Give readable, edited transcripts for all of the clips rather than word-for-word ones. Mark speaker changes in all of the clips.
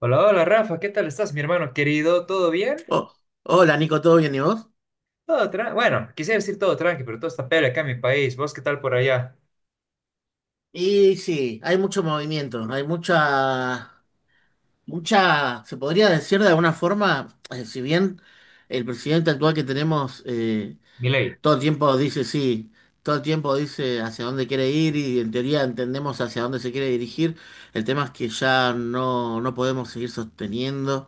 Speaker 1: Hola, hola Rafa, ¿qué tal estás, mi hermano querido? ¿Todo bien?
Speaker 2: Oh, hola Nico, ¿todo bien y vos?
Speaker 1: Todo tranqui. Bueno, quisiera decir todo tranqui, pero todo está peor acá en mi país. ¿Vos qué tal por allá?
Speaker 2: Y sí, hay mucho movimiento, hay mucha, mucha, se podría decir de alguna forma, si bien el presidente actual que tenemos,
Speaker 1: Milei.
Speaker 2: todo el tiempo dice sí, todo el tiempo dice hacia dónde quiere ir y en teoría entendemos hacia dónde se quiere dirigir. El tema es que ya no podemos seguir sosteniendo.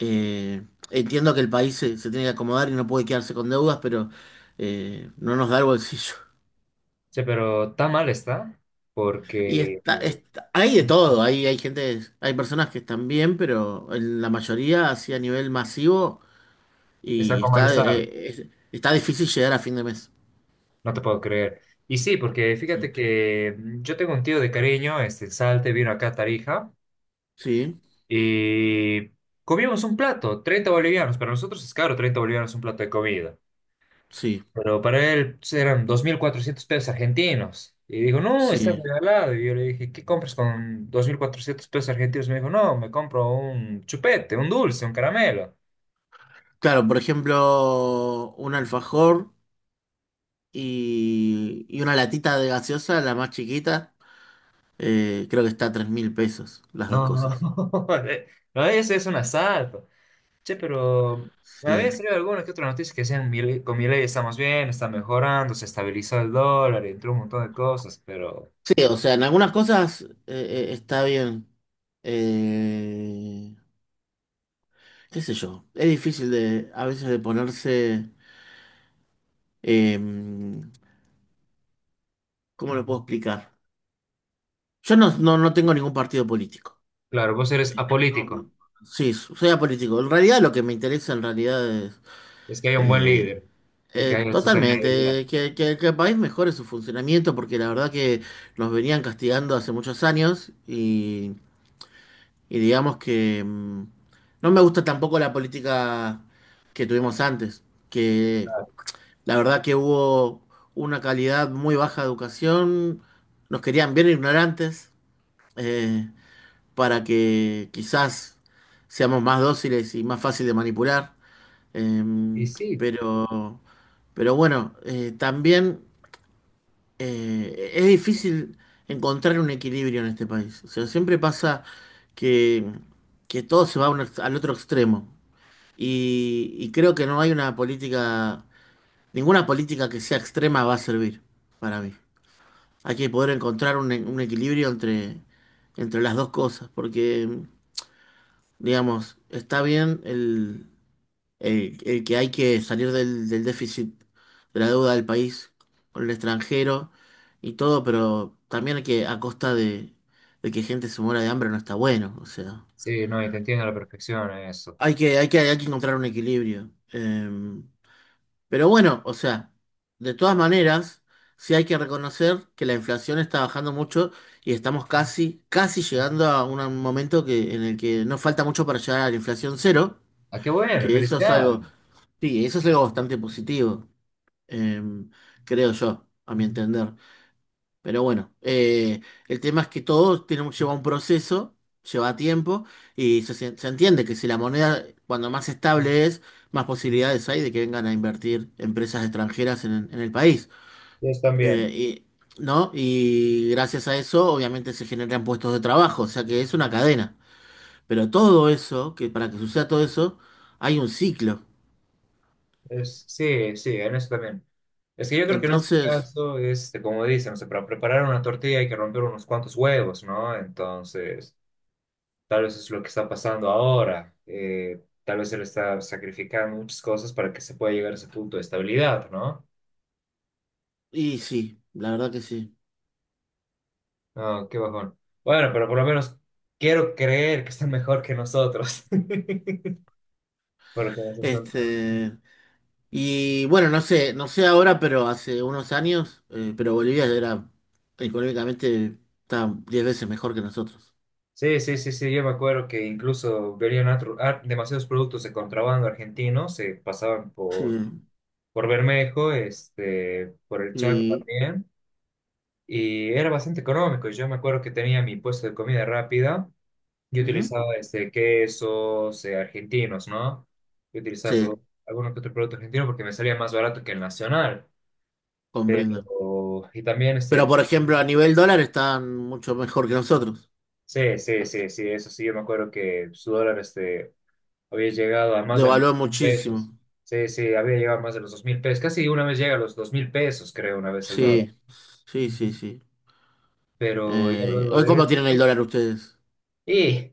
Speaker 2: eh, entiendo que el país se tiene que acomodar y no puede quedarse con deudas, pero no nos da el bolsillo.
Speaker 1: Sí, pero tan mal está
Speaker 2: Y
Speaker 1: porque
Speaker 2: está, está- hay de todo, hay gente, hay personas que están bien, pero en la mayoría, así, a nivel masivo,
Speaker 1: está
Speaker 2: y
Speaker 1: con
Speaker 2: está,
Speaker 1: malestar.
Speaker 2: eh, es- está difícil llegar a fin de mes.
Speaker 1: No te puedo creer. Y sí, porque fíjate
Speaker 2: Sí,
Speaker 1: que yo tengo un tío de cariño, este en Salte, vino acá a Tarija
Speaker 2: sí,
Speaker 1: y comimos un plato, 30 bolivianos. Para nosotros es caro 30 bolivianos un plato de comida.
Speaker 2: sí,
Speaker 1: Pero para él pues, eran 2.400 pesos argentinos. Y dijo, no, está
Speaker 2: sí.
Speaker 1: regalado. Y yo le dije, ¿qué compras con 2.400 pesos argentinos? Me dijo, no, me compro un chupete, un dulce, un caramelo.
Speaker 2: Claro, por ejemplo, un alfajor y una latita de gaseosa, la más chiquita, creo que está a 3 mil pesos, las dos
Speaker 1: No,
Speaker 2: cosas.
Speaker 1: no, eso es un asalto. Che, pero me había
Speaker 2: Sí.
Speaker 1: salido alguna que otra noticia que decían, "Con mi ley estamos bien, está mejorando, se estabilizó el dólar, entró un montón de cosas. Pero
Speaker 2: Sí, o sea, en algunas cosas, está bien. Eh, qué sé yo, es difícil de a veces de ponerse. Em, ¿cómo lo puedo explicar? Yo no tengo ningún partido político.
Speaker 1: claro, vos eres
Speaker 2: No,
Speaker 1: apolítico.
Speaker 2: sí, soy apolítico. En realidad lo que me interesa en realidad es,
Speaker 1: Es que hay un buen
Speaker 2: eh,
Speaker 1: líder y que hay una sostenibilidad.
Speaker 2: totalmente que el país mejore su funcionamiento, porque la verdad que nos venían castigando hace muchos años, y digamos que, no me gusta tampoco la política que tuvimos antes. Que La verdad que hubo una calidad muy baja de educación. Nos querían bien ignorantes, eh, para que quizás seamos más dóciles y más fácil de manipular. Eh,
Speaker 1: Y sí,
Speaker 2: pero, pero bueno, también, es difícil encontrar un equilibrio en este país. O sea, siempre pasa que, que todo se va a al otro extremo, y creo que no hay una política. Ninguna política que sea extrema va a servir para mí. Hay que poder encontrar un equilibrio entre las dos cosas, porque, digamos, está bien el que hay que salir del déficit de la deuda del país con el extranjero y todo, pero también hay que, a costa de que gente se muera de hambre, no está bueno. O sea,
Speaker 1: sí, no, y te entiendo a la perfección eso.
Speaker 2: hay que encontrar un equilibrio. Pero bueno, o sea, de todas maneras, sí hay que reconocer que la inflación está bajando mucho y estamos casi, casi llegando a un momento, en el que no falta mucho para llegar a la inflación cero,
Speaker 1: Ah, qué bueno,
Speaker 2: que eso es
Speaker 1: felicidades.
Speaker 2: algo, sí, eso es algo bastante positivo, em, creo yo, a mi entender. Pero bueno, el tema es que todo tiene, lleva un proceso, lleva tiempo, y se entiende que, si la moneda cuando más estable es, más posibilidades hay de que vengan a invertir empresas extranjeras en el país.
Speaker 1: Ellos también.
Speaker 2: Eh, y, ¿no? Y gracias a eso, obviamente, se generan puestos de trabajo, o sea que es una cadena. Pero todo eso, que para que suceda todo eso, hay un ciclo.
Speaker 1: Es, sí, sí, en eso también. Es que yo creo que en este
Speaker 2: Entonces,
Speaker 1: caso, este, como dicen, o sea, para preparar una tortilla hay que romper unos cuantos huevos, ¿no? Entonces, tal vez es lo que está pasando ahora. Tal vez él está sacrificando muchas cosas para que se pueda llegar a ese punto de estabilidad, ¿no?
Speaker 2: y sí, la verdad que sí.
Speaker 1: No, qué bajón. Bueno, pero por lo menos quiero creer que está mejor que nosotros. Porque nosotros
Speaker 2: Este. Y bueno, no sé, no sé ahora, pero hace unos años, pero Bolivia era económicamente está 10 veces mejor que nosotros.
Speaker 1: sí, sí, sí, sí, yo me acuerdo que incluso venían demasiados productos de contrabando argentinos, se pasaban
Speaker 2: Sí,
Speaker 1: por Bermejo, este, por el Chaco
Speaker 2: y,
Speaker 1: también, y era bastante económico. Yo me acuerdo que tenía mi puesto de comida rápida y
Speaker 2: ujú,
Speaker 1: utilizaba este, quesos argentinos, ¿no? Yo utilizaba
Speaker 2: sí,
Speaker 1: algunos que otros productos argentinos porque me salía más barato que el nacional.
Speaker 2: comprendo.
Speaker 1: Pero, y también,
Speaker 2: Pero,
Speaker 1: este,
Speaker 2: por ejemplo, a nivel dólar están mucho mejor que nosotros.
Speaker 1: sí, sí, sí, sí, eso sí, yo me acuerdo que su dólar, este había llegado a más de mil
Speaker 2: Devaluó
Speaker 1: pesos.
Speaker 2: muchísimo.
Speaker 1: Sí, sí, había llegado a más de los 2.000 pesos. Casi una vez llega a los 2.000 pesos, creo, una vez el dólar.
Speaker 2: Sí, sí, sí, sí.
Speaker 1: Pero ya
Speaker 2: Eh,
Speaker 1: luego
Speaker 2: hoy
Speaker 1: de
Speaker 2: cómo tienen el
Speaker 1: eso.
Speaker 2: dólar ustedes?
Speaker 1: Y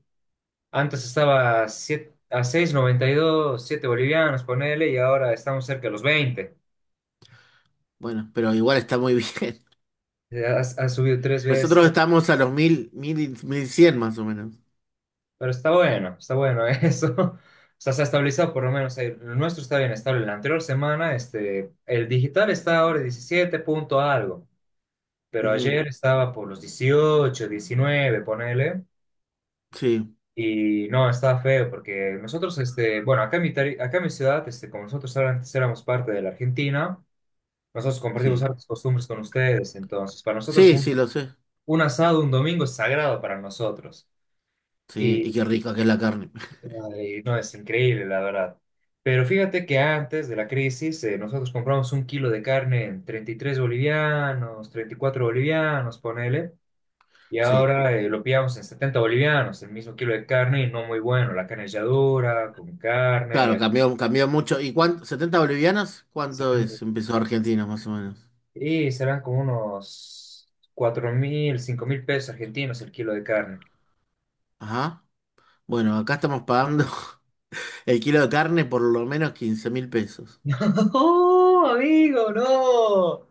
Speaker 1: antes estaba a a 6,92 7 bolivianos, ponele, y ahora estamos cerca de los 20.
Speaker 2: Bueno, pero igual está muy bien.
Speaker 1: Ha, ha subido tres veces.
Speaker 2: Nosotros estamos a los mil, mil, 1.100 más o menos.
Speaker 1: Pero está bueno eso. O sea, se ha estabilizado por lo menos. El nuestro está bien estable. La anterior semana, este, el digital está ahora 17 punto algo. Pero
Speaker 2: Ujú.
Speaker 1: ayer estaba por los 18, 19, ponele,
Speaker 2: Sí,
Speaker 1: y no, estaba feo porque nosotros, este, bueno, acá en mi ciudad, este, como nosotros antes éramos parte de la Argentina, nosotros compartimos
Speaker 2: sí.
Speaker 1: hartas costumbres con ustedes, entonces para nosotros
Speaker 2: Sí, sí, lo sé.
Speaker 1: un asado un domingo es sagrado para nosotros,
Speaker 2: Sí, y
Speaker 1: y,
Speaker 2: qué rica que es la carne.
Speaker 1: ay, no, es increíble, la verdad. Pero fíjate que antes de la crisis, nosotros compramos un kilo de carne en 33 bolivianos, 34 bolivianos, ponele. Y
Speaker 2: Sí,
Speaker 1: ahora lo pillamos en 70 bolivianos, el mismo kilo de carne y no muy bueno. La carne ya dura, con carne,
Speaker 2: claro,
Speaker 1: ya
Speaker 2: cambió, cambió mucho. ¿Y cuánto? ¿70 bolivianas? ¿Cuánto
Speaker 1: 70.
Speaker 2: es? Empezó Argentina, más o menos.
Speaker 1: Y serán como unos 4.000, 5.000 pesos argentinos el kilo de carne.
Speaker 2: Ajá. Bueno, acá estamos pagando el kilo de carne por lo menos 15.000 pesos.
Speaker 1: ¡Oh, amigo! ¡No!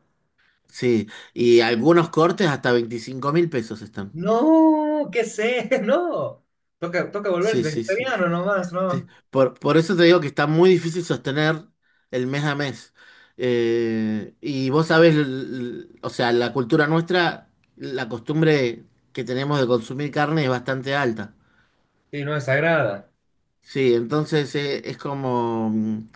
Speaker 2: Sí, y algunos cortes hasta 25.000 pesos están.
Speaker 1: ¡No! ¿Qué sé? ¡No! Toca, toca volverse
Speaker 2: Sí, sí, sí.
Speaker 1: vegetariano nomás,
Speaker 2: Sí.
Speaker 1: ¿no?
Speaker 2: Por eso te digo que está muy difícil sostener el mes a mes. Y vos sabés, o sea, la cultura nuestra, la costumbre que tenemos de consumir carne es bastante alta.
Speaker 1: Sí, no es desagrada.
Speaker 2: Sí, entonces, es como,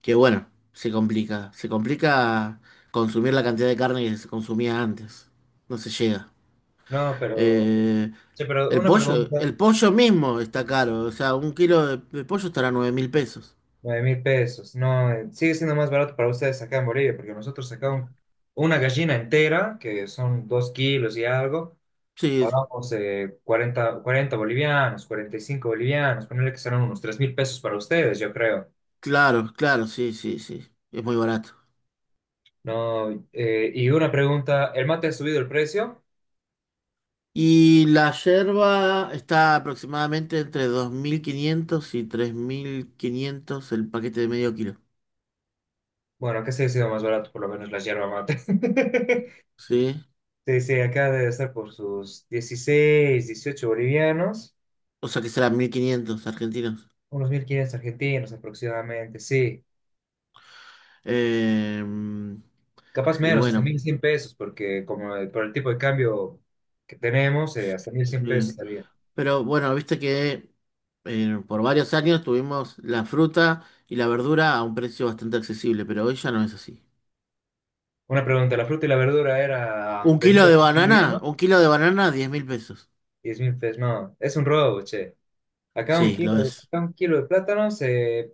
Speaker 2: que bueno, se complica. Se complica consumir la cantidad de carne que se consumía antes. No se llega.
Speaker 1: No, pero,
Speaker 2: Eh,
Speaker 1: sí, pero
Speaker 2: el
Speaker 1: una
Speaker 2: pollo,
Speaker 1: pregunta.
Speaker 2: el pollo mismo está caro. O sea, un kilo de pollo estará 9.000 pesos.
Speaker 1: 9.000 pesos. No, sigue siendo más barato para ustedes acá en Bolivia, porque nosotros sacamos una gallina entera, que son 2 kilos y algo,
Speaker 2: Sí,
Speaker 1: pagamos 40, 40 bolivianos, 45 bolivianos, ponerle que serán unos 3.000 pesos para ustedes, yo creo.
Speaker 2: claro, claro, sí, sí, sí. Es muy barato.
Speaker 1: No, y una pregunta, ¿el mate ha subido el precio?
Speaker 2: Y la yerba está aproximadamente entre 2.500 y 3.500 el paquete de medio kilo.
Speaker 1: Bueno, acá sí ha sido más barato, por lo menos la yerba mate.
Speaker 2: ¿Sí?
Speaker 1: Sí, sí, acá debe estar por sus 16 18 bolivianos,
Speaker 2: O sea que serán 1.500 argentinos.
Speaker 1: unos 1.500 argentinos aproximadamente, sí.
Speaker 2: Em,
Speaker 1: Capaz
Speaker 2: y
Speaker 1: menos, hasta
Speaker 2: bueno,
Speaker 1: 1.100 pesos, porque como por el tipo de cambio que tenemos, hasta 1.100 pesos
Speaker 2: eh,
Speaker 1: estaría.
Speaker 2: pero bueno, viste que, por varios años tuvimos la fruta y la verdura a un precio bastante accesible, pero hoy ya no es así.
Speaker 1: Una pregunta, ¿la fruta y la verdura era
Speaker 2: Un kilo
Speaker 1: vendida
Speaker 2: de
Speaker 1: por un
Speaker 2: banana,
Speaker 1: boliviano?
Speaker 2: un kilo de banana, 10.000 pesos.
Speaker 1: 10.000 pesos, no, es un robo, che. Acá un
Speaker 2: Sí, lo
Speaker 1: kilo,
Speaker 2: es.
Speaker 1: acá un kilo de plátanos,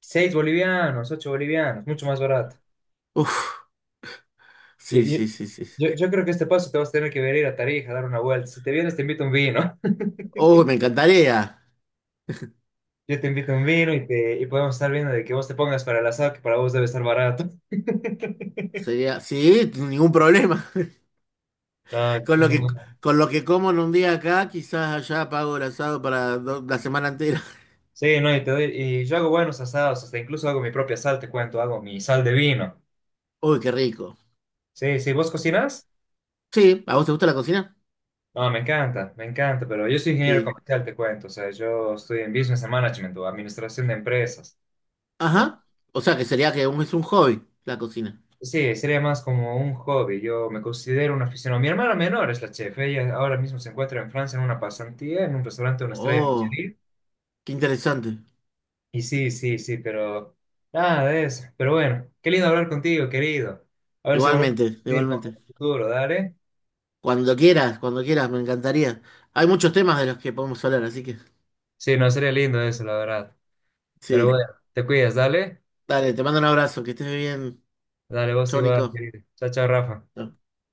Speaker 1: 6 bolivianos, 8 bolivianos, mucho más barato.
Speaker 2: Uf. Sí,
Speaker 1: Y-
Speaker 2: sí,
Speaker 1: y-
Speaker 2: sí, sí.
Speaker 1: yo creo que este paso te vas a tener que venir a Tarija a dar una vuelta. Si te vienes, te invito un vino.
Speaker 2: Uy, me encantaría.
Speaker 1: Yo te invito un vino y, te, y podemos estar viendo de que vos te pongas para el asado, que para vos debe estar barato.
Speaker 2: Sería, sí, ningún problema.
Speaker 1: No,
Speaker 2: Con lo que,
Speaker 1: no.
Speaker 2: con lo que como en un día acá, quizás allá pago el asado para la semana entera.
Speaker 1: Sí, no, y, y yo hago buenos asados, hasta incluso hago mi propia sal, te cuento, hago mi sal de vino.
Speaker 2: Uy, qué rico.
Speaker 1: Sí, sí, ¿vos cocinas?
Speaker 2: Sí, ¿a vos te gusta la cocina?
Speaker 1: No, me encanta, pero yo soy ingeniero
Speaker 2: Sí.
Speaker 1: comercial, te cuento, o sea, yo estoy en Business and Management o Administración de Empresas. Entonces,
Speaker 2: Ajá. O sea, que sería que, es un hobby la cocina.
Speaker 1: sí, sería más como un hobby, yo me considero un aficionado. Mi hermana menor es la chef, ella ahora mismo se encuentra en Francia en una pasantía, en un restaurante de una estrella
Speaker 2: Oh,
Speaker 1: Michelin.
Speaker 2: qué interesante.
Speaker 1: Y sí, sí, sí, pero nada de eso. Pero bueno, qué lindo hablar contigo, querido. A ver si volvemos
Speaker 2: Igualmente,
Speaker 1: a ir con el
Speaker 2: igualmente.
Speaker 1: futuro, dale.
Speaker 2: Cuando quieras, me encantaría. Hay muchos temas de los que podemos hablar, así que
Speaker 1: Sí, no sería lindo eso, la verdad. Pero
Speaker 2: sí.
Speaker 1: bueno, te cuidas, dale.
Speaker 2: Dale, te mando un abrazo, que estés bien.
Speaker 1: Dale vos
Speaker 2: Chau,
Speaker 1: igual,
Speaker 2: Nico.
Speaker 1: querido. Chao, chao, Rafa.
Speaker 2: Chau.